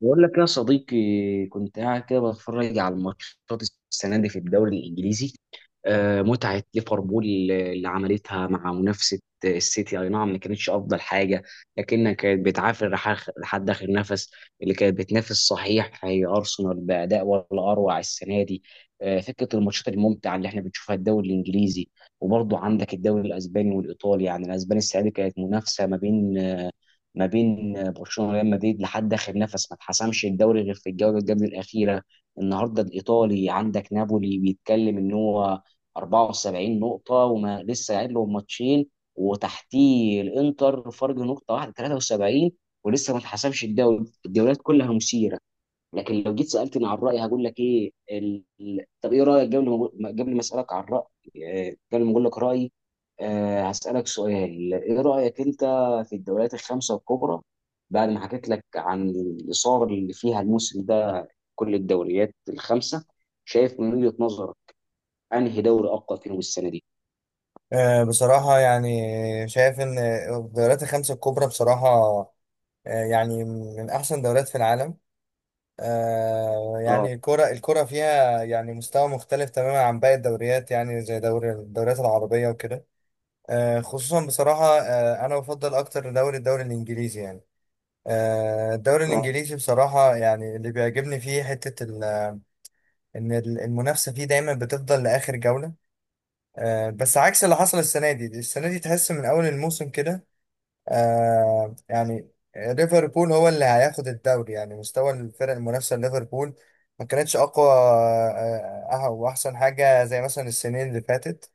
بقول لك يا صديقي، كنت قاعد كده بتفرج على الماتشات السنه دي في الدوري الانجليزي. متعه ليفربول اللي عملتها مع منافسه السيتي، اي نعم ما كانتش افضل حاجه، لكنها كانت بتعافر لحد اخر نفس. اللي كانت بتنافس صحيح هي ارسنال باداء ولا اروع السنه دي. فكره الماتشات الممتعه اللي احنا بنشوفها الدوري الانجليزي. وبرضه عندك الدوري الاسباني والايطالي، يعني الاسباني السنه دي كانت منافسه ما بين برشلونه وريال مدريد لحد اخر نفس، ما اتحسمش الدوري غير في الجوله اللي قبل الاخيره. النهارده الايطالي عندك نابولي بيتكلم ان هو 74 نقطه وما لسه قاعد له ماتشين، وتحتيه الانتر فرق نقطه واحده 73، ولسه ما اتحسمش الدوري. الدوريات كلها مثيره. لكن لو جيت سالتني عن رايي، هقول لك ايه طب ايه رايك؟ قبل ما قبل ما اسالك عن رايي، قبل ما اقول لك رايي، هسالك سؤال، ايه رايك انت في الدوريات الخمسه الكبرى؟ بعد ما حكيت لك عن الاثاره اللي فيها الموسم ده، كل الدوريات الخمسه، شايف من وجهه نظرك انهي دوري اقوى فيهم السنه دي؟ بصراحة يعني شايف إن الدوريات الخمسة الكبرى بصراحة، يعني من أحسن دوريات في العالم. اه، يعني الكرة فيها يعني مستوى مختلف تماما عن باقي الدوريات، يعني زي دوري الدوريات العربية وكده. خصوصا بصراحة، أنا بفضل أكتر دوري الإنجليزي يعني. الدوري اه. الإنجليزي بصراحة، يعني اللي بيعجبني فيه حتة إن المنافسة فيه دايما بتفضل لآخر جولة. بس عكس اللي حصل السنة دي تحس من أول الموسم كده. يعني ليفربول هو اللي هياخد الدوري، يعني مستوى الفرق المنافسة ليفربول ما كانتش أقوى وأحسن حاجة زي مثلا السنين اللي فاتت.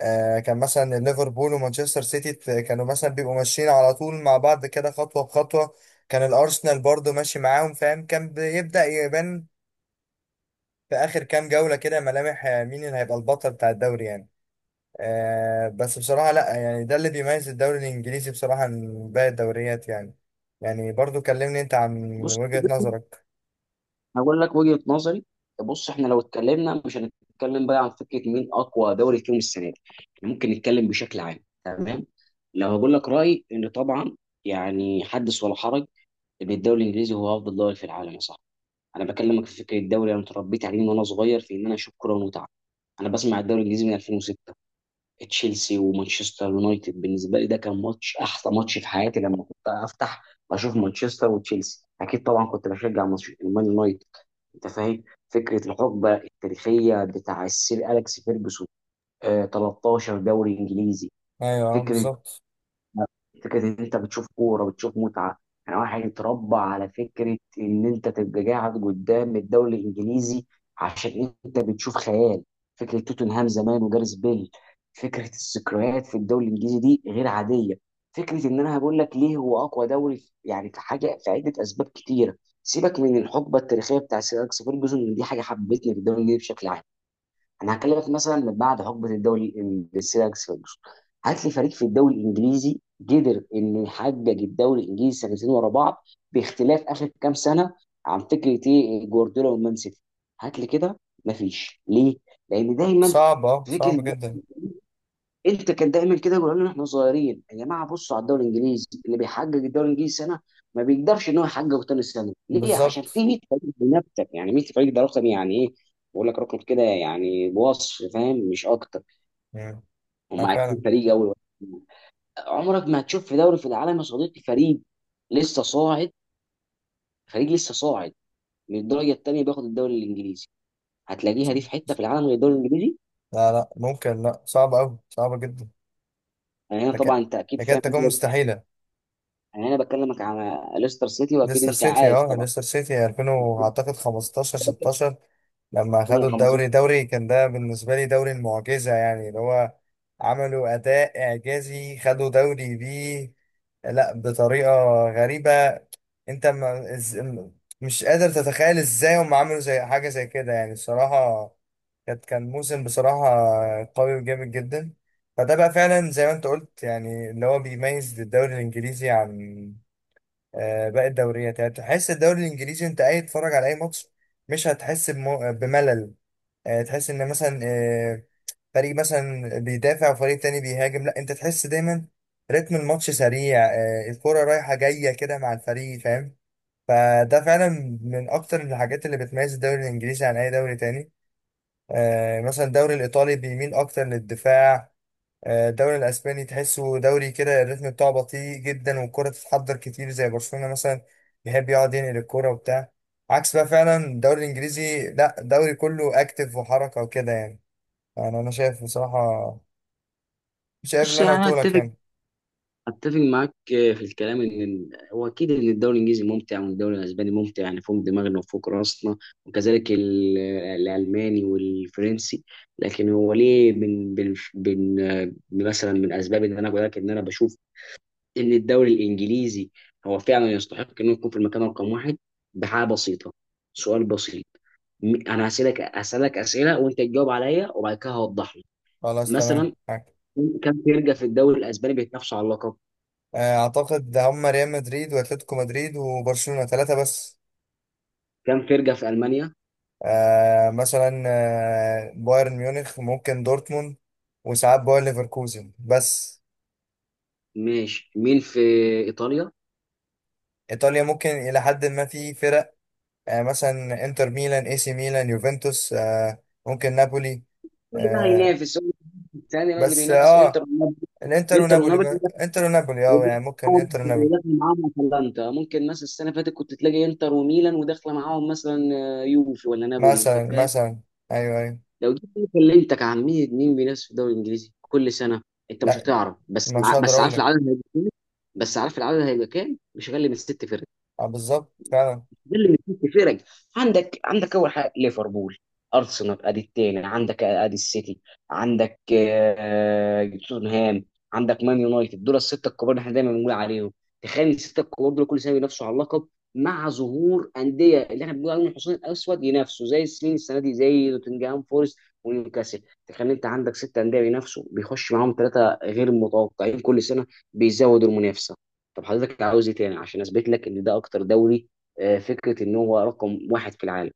كان مثلا ليفربول ومانشستر سيتي كانوا مثلا بيبقوا ماشيين على طول مع بعض كده، خطوة بخطوة. كان الأرسنال برضو ماشي معاهم فاهم، كان بيبدأ يبان في آخر كام جولة كده ملامح مين اللي هيبقى البطل بتاع الدوري يعني. بس بصراحة لا، يعني ده اللي بيميز الدوري الإنجليزي بصراحة من باقي الدوريات يعني. يعني برضو كلمني أنت عن بص، وجهة نظرك. هقول لك وجهة نظري. بص احنا لو اتكلمنا مش هنتكلم بقى عن فكرة مين اقوى دوري فيهم السنة دي، إحنا ممكن نتكلم بشكل عام. تمام. لو هقول لك رأيي، ان طبعا يعني حدث ولا حرج، ان الدوري الانجليزي هو افضل دوري في العالم يا صاحبي. انا بكلمك في فكرة الدوري، انا اتربيت عليه من وانا صغير في ان انا اشوف كرة ومتعة. انا بسمع الدوري الانجليزي من 2006، تشيلسي ومانشستر يونايتد بالنسبة لي ده كان ماتش، احسن ماتش في حياتي، لما كنت افتح اشوف مانشستر وتشيلسي. اكيد طبعا كنت بشجع المان يونايتد، انت فاهم، فكره الحقبه التاريخيه بتاع السير اليكس فيرجسون، 13 دوري انجليزي. أيوه فكره بالظبط. فكره ان انت بتشوف كوره بتشوف متعه، يعني واحد اتربى على فكره ان انت تبقى قاعد قدام الدوري الانجليزي عشان انت بتشوف خيال. فكره توتنهام زمان وجاريث بيل، فكره الذكريات في الدوري الانجليزي دي غير عاديه. فكره ان انا هقول لك ليه هو اقوى دوري يعني في حاجه، في عده اسباب كتيره. سيبك من الحقبه التاريخيه بتاع سير أليكس فيرجسون، دي حاجه حبتني في الدوري الانجليزي بشكل عام. انا هكلمك مثلا من بعد حقبه الدوري الانجليزي لأليكس فيرجسون، هات لي فريق في الدوري الانجليزي قدر انه يحقق الدوري الانجليزي سنتين ورا بعض باختلاف اخر كام سنه، عن فكره ايه جوارديولا والمان سيتي. هات لي كده، مفيش، ليه؟ لان دايما صعب، صعب فكره جدا. انت كان دايما كده يقولوا لنا احنا صغيرين، يا جماعه بصوا على الدوري الانجليزي، اللي بيحقق الدوري الانجليزي سنه ما بيقدرش ان هو يحققه تاني سنه. ليه؟ عشان بالظبط. في 100 فريق بينافسك، يعني 100 فريق ده رقم يعني ايه. بقول لك رقم كده يعني بوصف فاهم، مش اكتر. مم. هم أه 20 فعلا. فريق اول واحد. عمرك ما هتشوف في دوري في العالم يا صديقي فريق لسه صاعد، فريق لسه صاعد من الدرجه الثانيه بياخد الدوري الانجليزي، هتلاقيها دي في حته في العالم غير الدوري الانجليزي؟ لا، لا، ممكن لا، صعب أوي، صعبة جدا. يعني انا هنا لكن طبعا انت اكيد لكن فاهم، تكون مستحيلة. يعني انا هنا بكلمك على ليستر سيتي، واكيد ليستر انت سيتي عارف اه طبعا ليستر سيتي 2000 اعتقد 15 16 لما خدوا 2015. الدوري كان ده بالنسبة لي دوري المعجزة، يعني اللي هو عملوا أداء إعجازي، خدوا دوري بيه. لا، بطريقة غريبة. أنت ما إز... مش قادر تتخيل إزاي هم عملوا زي حاجة زي كده يعني الصراحة. كان موسم بصراحة قوي وجامد جدا. فده بقى فعلا زي ما أنت قلت، يعني اللي هو بيميز الدوري الإنجليزي عن باقي الدوريات، يعني تحس الدوري الانجليزي انت قاعد تتفرج على اي ماتش، مش هتحس بملل. تحس ان مثلا فريق مثلا بيدافع وفريق تاني بيهاجم، لا انت تحس دايما رتم الماتش سريع، الكرة رايحة جاية كده مع الفريق فاهم. فده فعلا من اكتر الحاجات اللي بتميز الدوري الانجليزي عن اي دوري تاني. مثلا الدوري الايطالي بيميل اكتر للدفاع. الدوري الاسباني تحسه دوري كده، الريتم بتاعه بطيء جدا والكرة تتحضر كتير، زي برشلونة مثلا بيحب يقعد ينقل الكرة وبتاع. عكس بقى فعلا الدوري الانجليزي، لا، الدوري كله اكتف وحركة وكده يعني. انا شايف بصراحة، شايف بص اللي انا يعني انا قلته لك اتفق يعني. اتفق معاك في الكلام، ان هو اكيد ان الدوري الانجليزي ممتع وان الدوري الاسباني ممتع يعني فوق دماغنا وفوق راسنا، وكذلك الالماني والفرنسي. لكن هو ليه، من مثلا من اسباب ان انا بقول لك ان انا بشوف ان الدوري الانجليزي هو فعلا يستحق انه يكون في المكان رقم واحد، بحاجه بسيطه، سؤال بسيط. انا هسالك اسئله وانت تجاوب عليا، وبعد كده هوضح لك. خلاص تمام مثلا معاك. كام فرقة في الدوري الأسباني بيتنافسوا على اللقب؟ اعتقد هم ريال مدريد واتلتيكو مدريد وبرشلونة، ثلاثة بس. كام فرقة في ألمانيا؟ مثلا بايرن ميونخ، ممكن دورتموند، وساعات باير ليفركوزن بس. ماشي، مين في إيطاليا؟ ايطاليا ممكن الى حد ما في فرق. مثلا انتر ميلان، اي سي ميلان، يوفنتوس، ممكن نابولي. كل ده آه، هينافس هو الثاني اللي بس إنتر اه، ونابولي الانتر إنتر ونابولي ونابولي بقى. بينافس، انتر ونابولي، وده، يعني ممكن انتر ونابولي. وداخل معاهم أتلانتا ممكن. مثلا السنة اللي فاتت كنت تلاقي إنتر وميلان، وداخلة معاهم مثلا يوفي ولا نابولي، أنت مثلا، فاهم؟ مثلا، ايوه، ايوه. لو جيت كلمتك عن مين مين بينافس في الدوري الإنجليزي كل سنة، أنت مش لا، هتعرف، بس مش هقدر بس اقول عارف لك. العدد هيبقى كام؟ بس عارف العدد هيبقى كام؟ مش أقل من 6 فرق، بالظبط فعلا. ده اللي مديك فرق. عندك اول حاجه ليفربول، ارسنال ادي الثاني، عندك ادي السيتي، عندك توتنهام، عندك مان يونايتد. دول السته الكبار اللي احنا دايما بنقول عليهم. تخيل السته الكبار دول كل سنه بينافسوا على اللقب، مع ظهور انديه اللي احنا بنقول عليهم الحصان الاسود ينافسوا زي السنين، السنه دي زي نوتنجهام فورست ونيوكاسل. تخيل انت عندك 6 انديه بينافسوا، بيخش معاهم ثلاثه غير متوقعين كل سنه بيزودوا المنافسه. طب حضرتك عاوز ايه تاني عشان اثبت لك ان ده اكتر دوري، فكره ان هو رقم واحد في العالم؟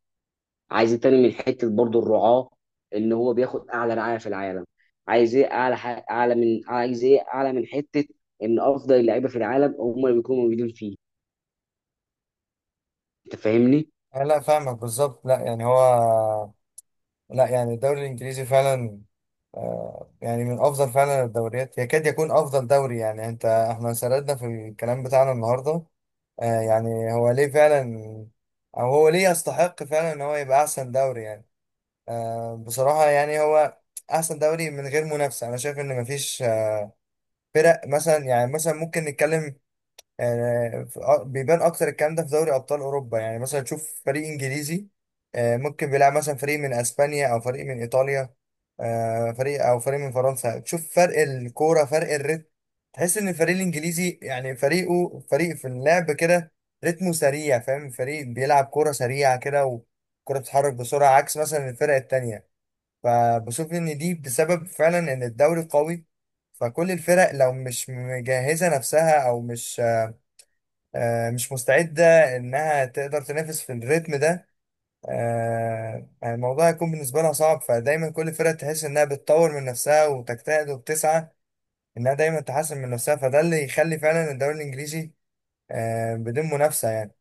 عايز إيه تاني، من حته برضو الرعاه، ان هو بياخد اعلى رعايه في العالم. عايز ايه اعلى اعلى من، عايز ايه اعلى من حته ان افضل اللعيبه في العالم هم اللي بيكونوا موجودين فيه، انت فاهمني؟ لا، فاهمك بالظبط، لا يعني هو، لا يعني الدوري الانجليزي فعلا يعني من افضل فعلا الدوريات، يكاد يكون افضل دوري. يعني انت احنا سردنا في الكلام بتاعنا النهارده يعني هو ليه فعلا، او هو ليه يستحق فعلا ان هو يبقى احسن دوري يعني. بصراحة يعني هو احسن دوري من غير منافسة. انا شايف ان مفيش، فرق مثلا، يعني مثلا ممكن نتكلم، يعني بيبان اكتر الكلام ده في دوري ابطال اوروبا. يعني مثلا تشوف فريق انجليزي ممكن بيلعب مثلا فريق من اسبانيا او فريق من ايطاليا، فريق او فريق من فرنسا، تشوف فرق الكوره، فرق الريتم، تحس ان الفريق الانجليزي يعني فريقه فريق في اللعب كده، رتمه سريع فاهم، فريق بيلعب كوره سريعه كده، وكرة بتتحرك بسرعه، عكس مثلا الفرق التانيه. فبشوف ان دي بسبب فعلا ان الدوري قوي، فكل الفرق لو مش مجهزه نفسها او مش مستعدة إنها تقدر تنافس في الريتم ده، يعني الموضوع هيكون بالنسبة لها صعب. فدايما كل فرقة تحس إنها بتطور من نفسها وتجتهد وبتسعى إنها دايما تحسن من نفسها، فده اللي يخلي فعلا الدوري الإنجليزي بدون منافسة يعني.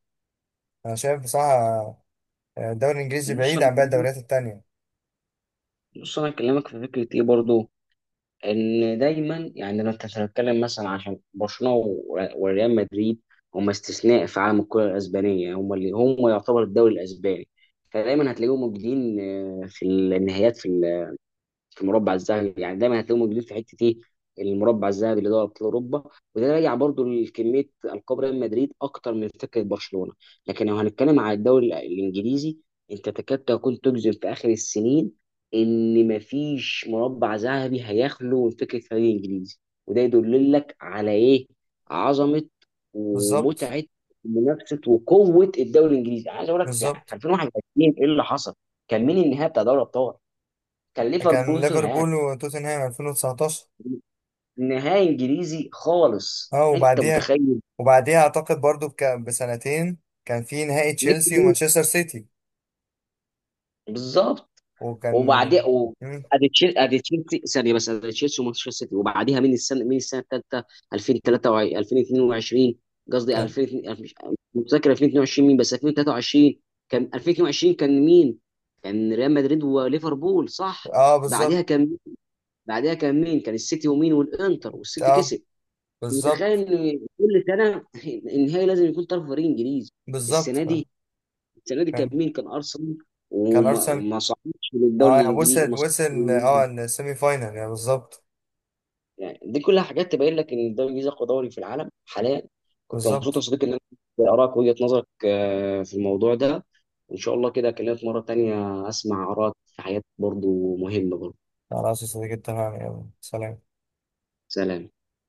أنا شايف بصراحة الدوري الإنجليزي بص بعيد انا عن باقي بكلمك- الدوريات التانية. بص انا اكلمك في فكره ايه برضو، ان دايما يعني لو انت هتتكلم مثلا عشان برشلونه وريال مدريد، هم استثناء في عالم الكره الاسبانيه، هم يعتبر الدوري الاسباني، فدايما هتلاقيهم موجودين في النهائيات، في المربع الذهبي، يعني دايما هتلاقيهم موجودين في حته ايه؟ المربع الذهبي اللي هو ابطال اوروبا. وده راجع برضو لكميه القاب ريال مدريد اكتر من فكره برشلونه. لكن لو هنتكلم على الدوري الانجليزي، انت تكاد تكون تجزم في اخر السنين ان مفيش مربع ذهبي هيخلو من فكره فريق انجليزي. وده يدل لك على ايه؟ عظمه بالظبط. ومتعه، منافسه وقوه الدوري الانجليزي. عايز اقول لك، يعني في بالظبط. 2021 ايه اللي حصل؟ كان مين النهائي بتاع دوري الابطال؟ كان كان ليفربول توتنهام، ليفربول وتوتنهام 2019. نهائي انجليزي خالص، اه، انت وبعديها، متخيل؟ وبعديها أعتقد برضو بسنتين كان في نهائي نيك تشيلسي بول ومانشستر سيتي. بالظبط. وكان وبعدين مين؟ ادي تشيلسي ثانيه، بس ادي تشيلسي ومانشستر سيتي. وبعديها من السنه الثالثه 2023، 2022 قصدي، كان. 2002، مش متذكر 2022 مين، بس 2023. كان 2022، كان مين؟ كان ريال مدريد وليفربول، صح. اه بعديها بالظبط. كان بعديها كان مين؟ كان السيتي ومين؟ والانتر والسيتي اه كسب. متخيل بالظبط. ان كل سنه النهائي لازم يكون طرف فريق انجليزي. بالظبط. السنه دي السنه دي كان كان. مين؟ كان ارسنال. كان وما ارسنال. ما صعدش للدوري اه يعني الانجليزي، وصل ما صعدش وصل للنهائي. السيمي فاينال، يعني بالظبط. يعني دي كلها حاجات تبين لك ان الدوري الانجليزي اقوى دوري في العالم حاليا. كنت مبسوط يا بالظبط. صديقي ان انا ارائك، وجهه نظرك في الموضوع ده، وان شاء الله كده اكلمك مره تانية اسمع ارائك في حاجات برضو مهمه برضو. خلاص يا صديقي، اتفقنا، يلا سلام. سلام.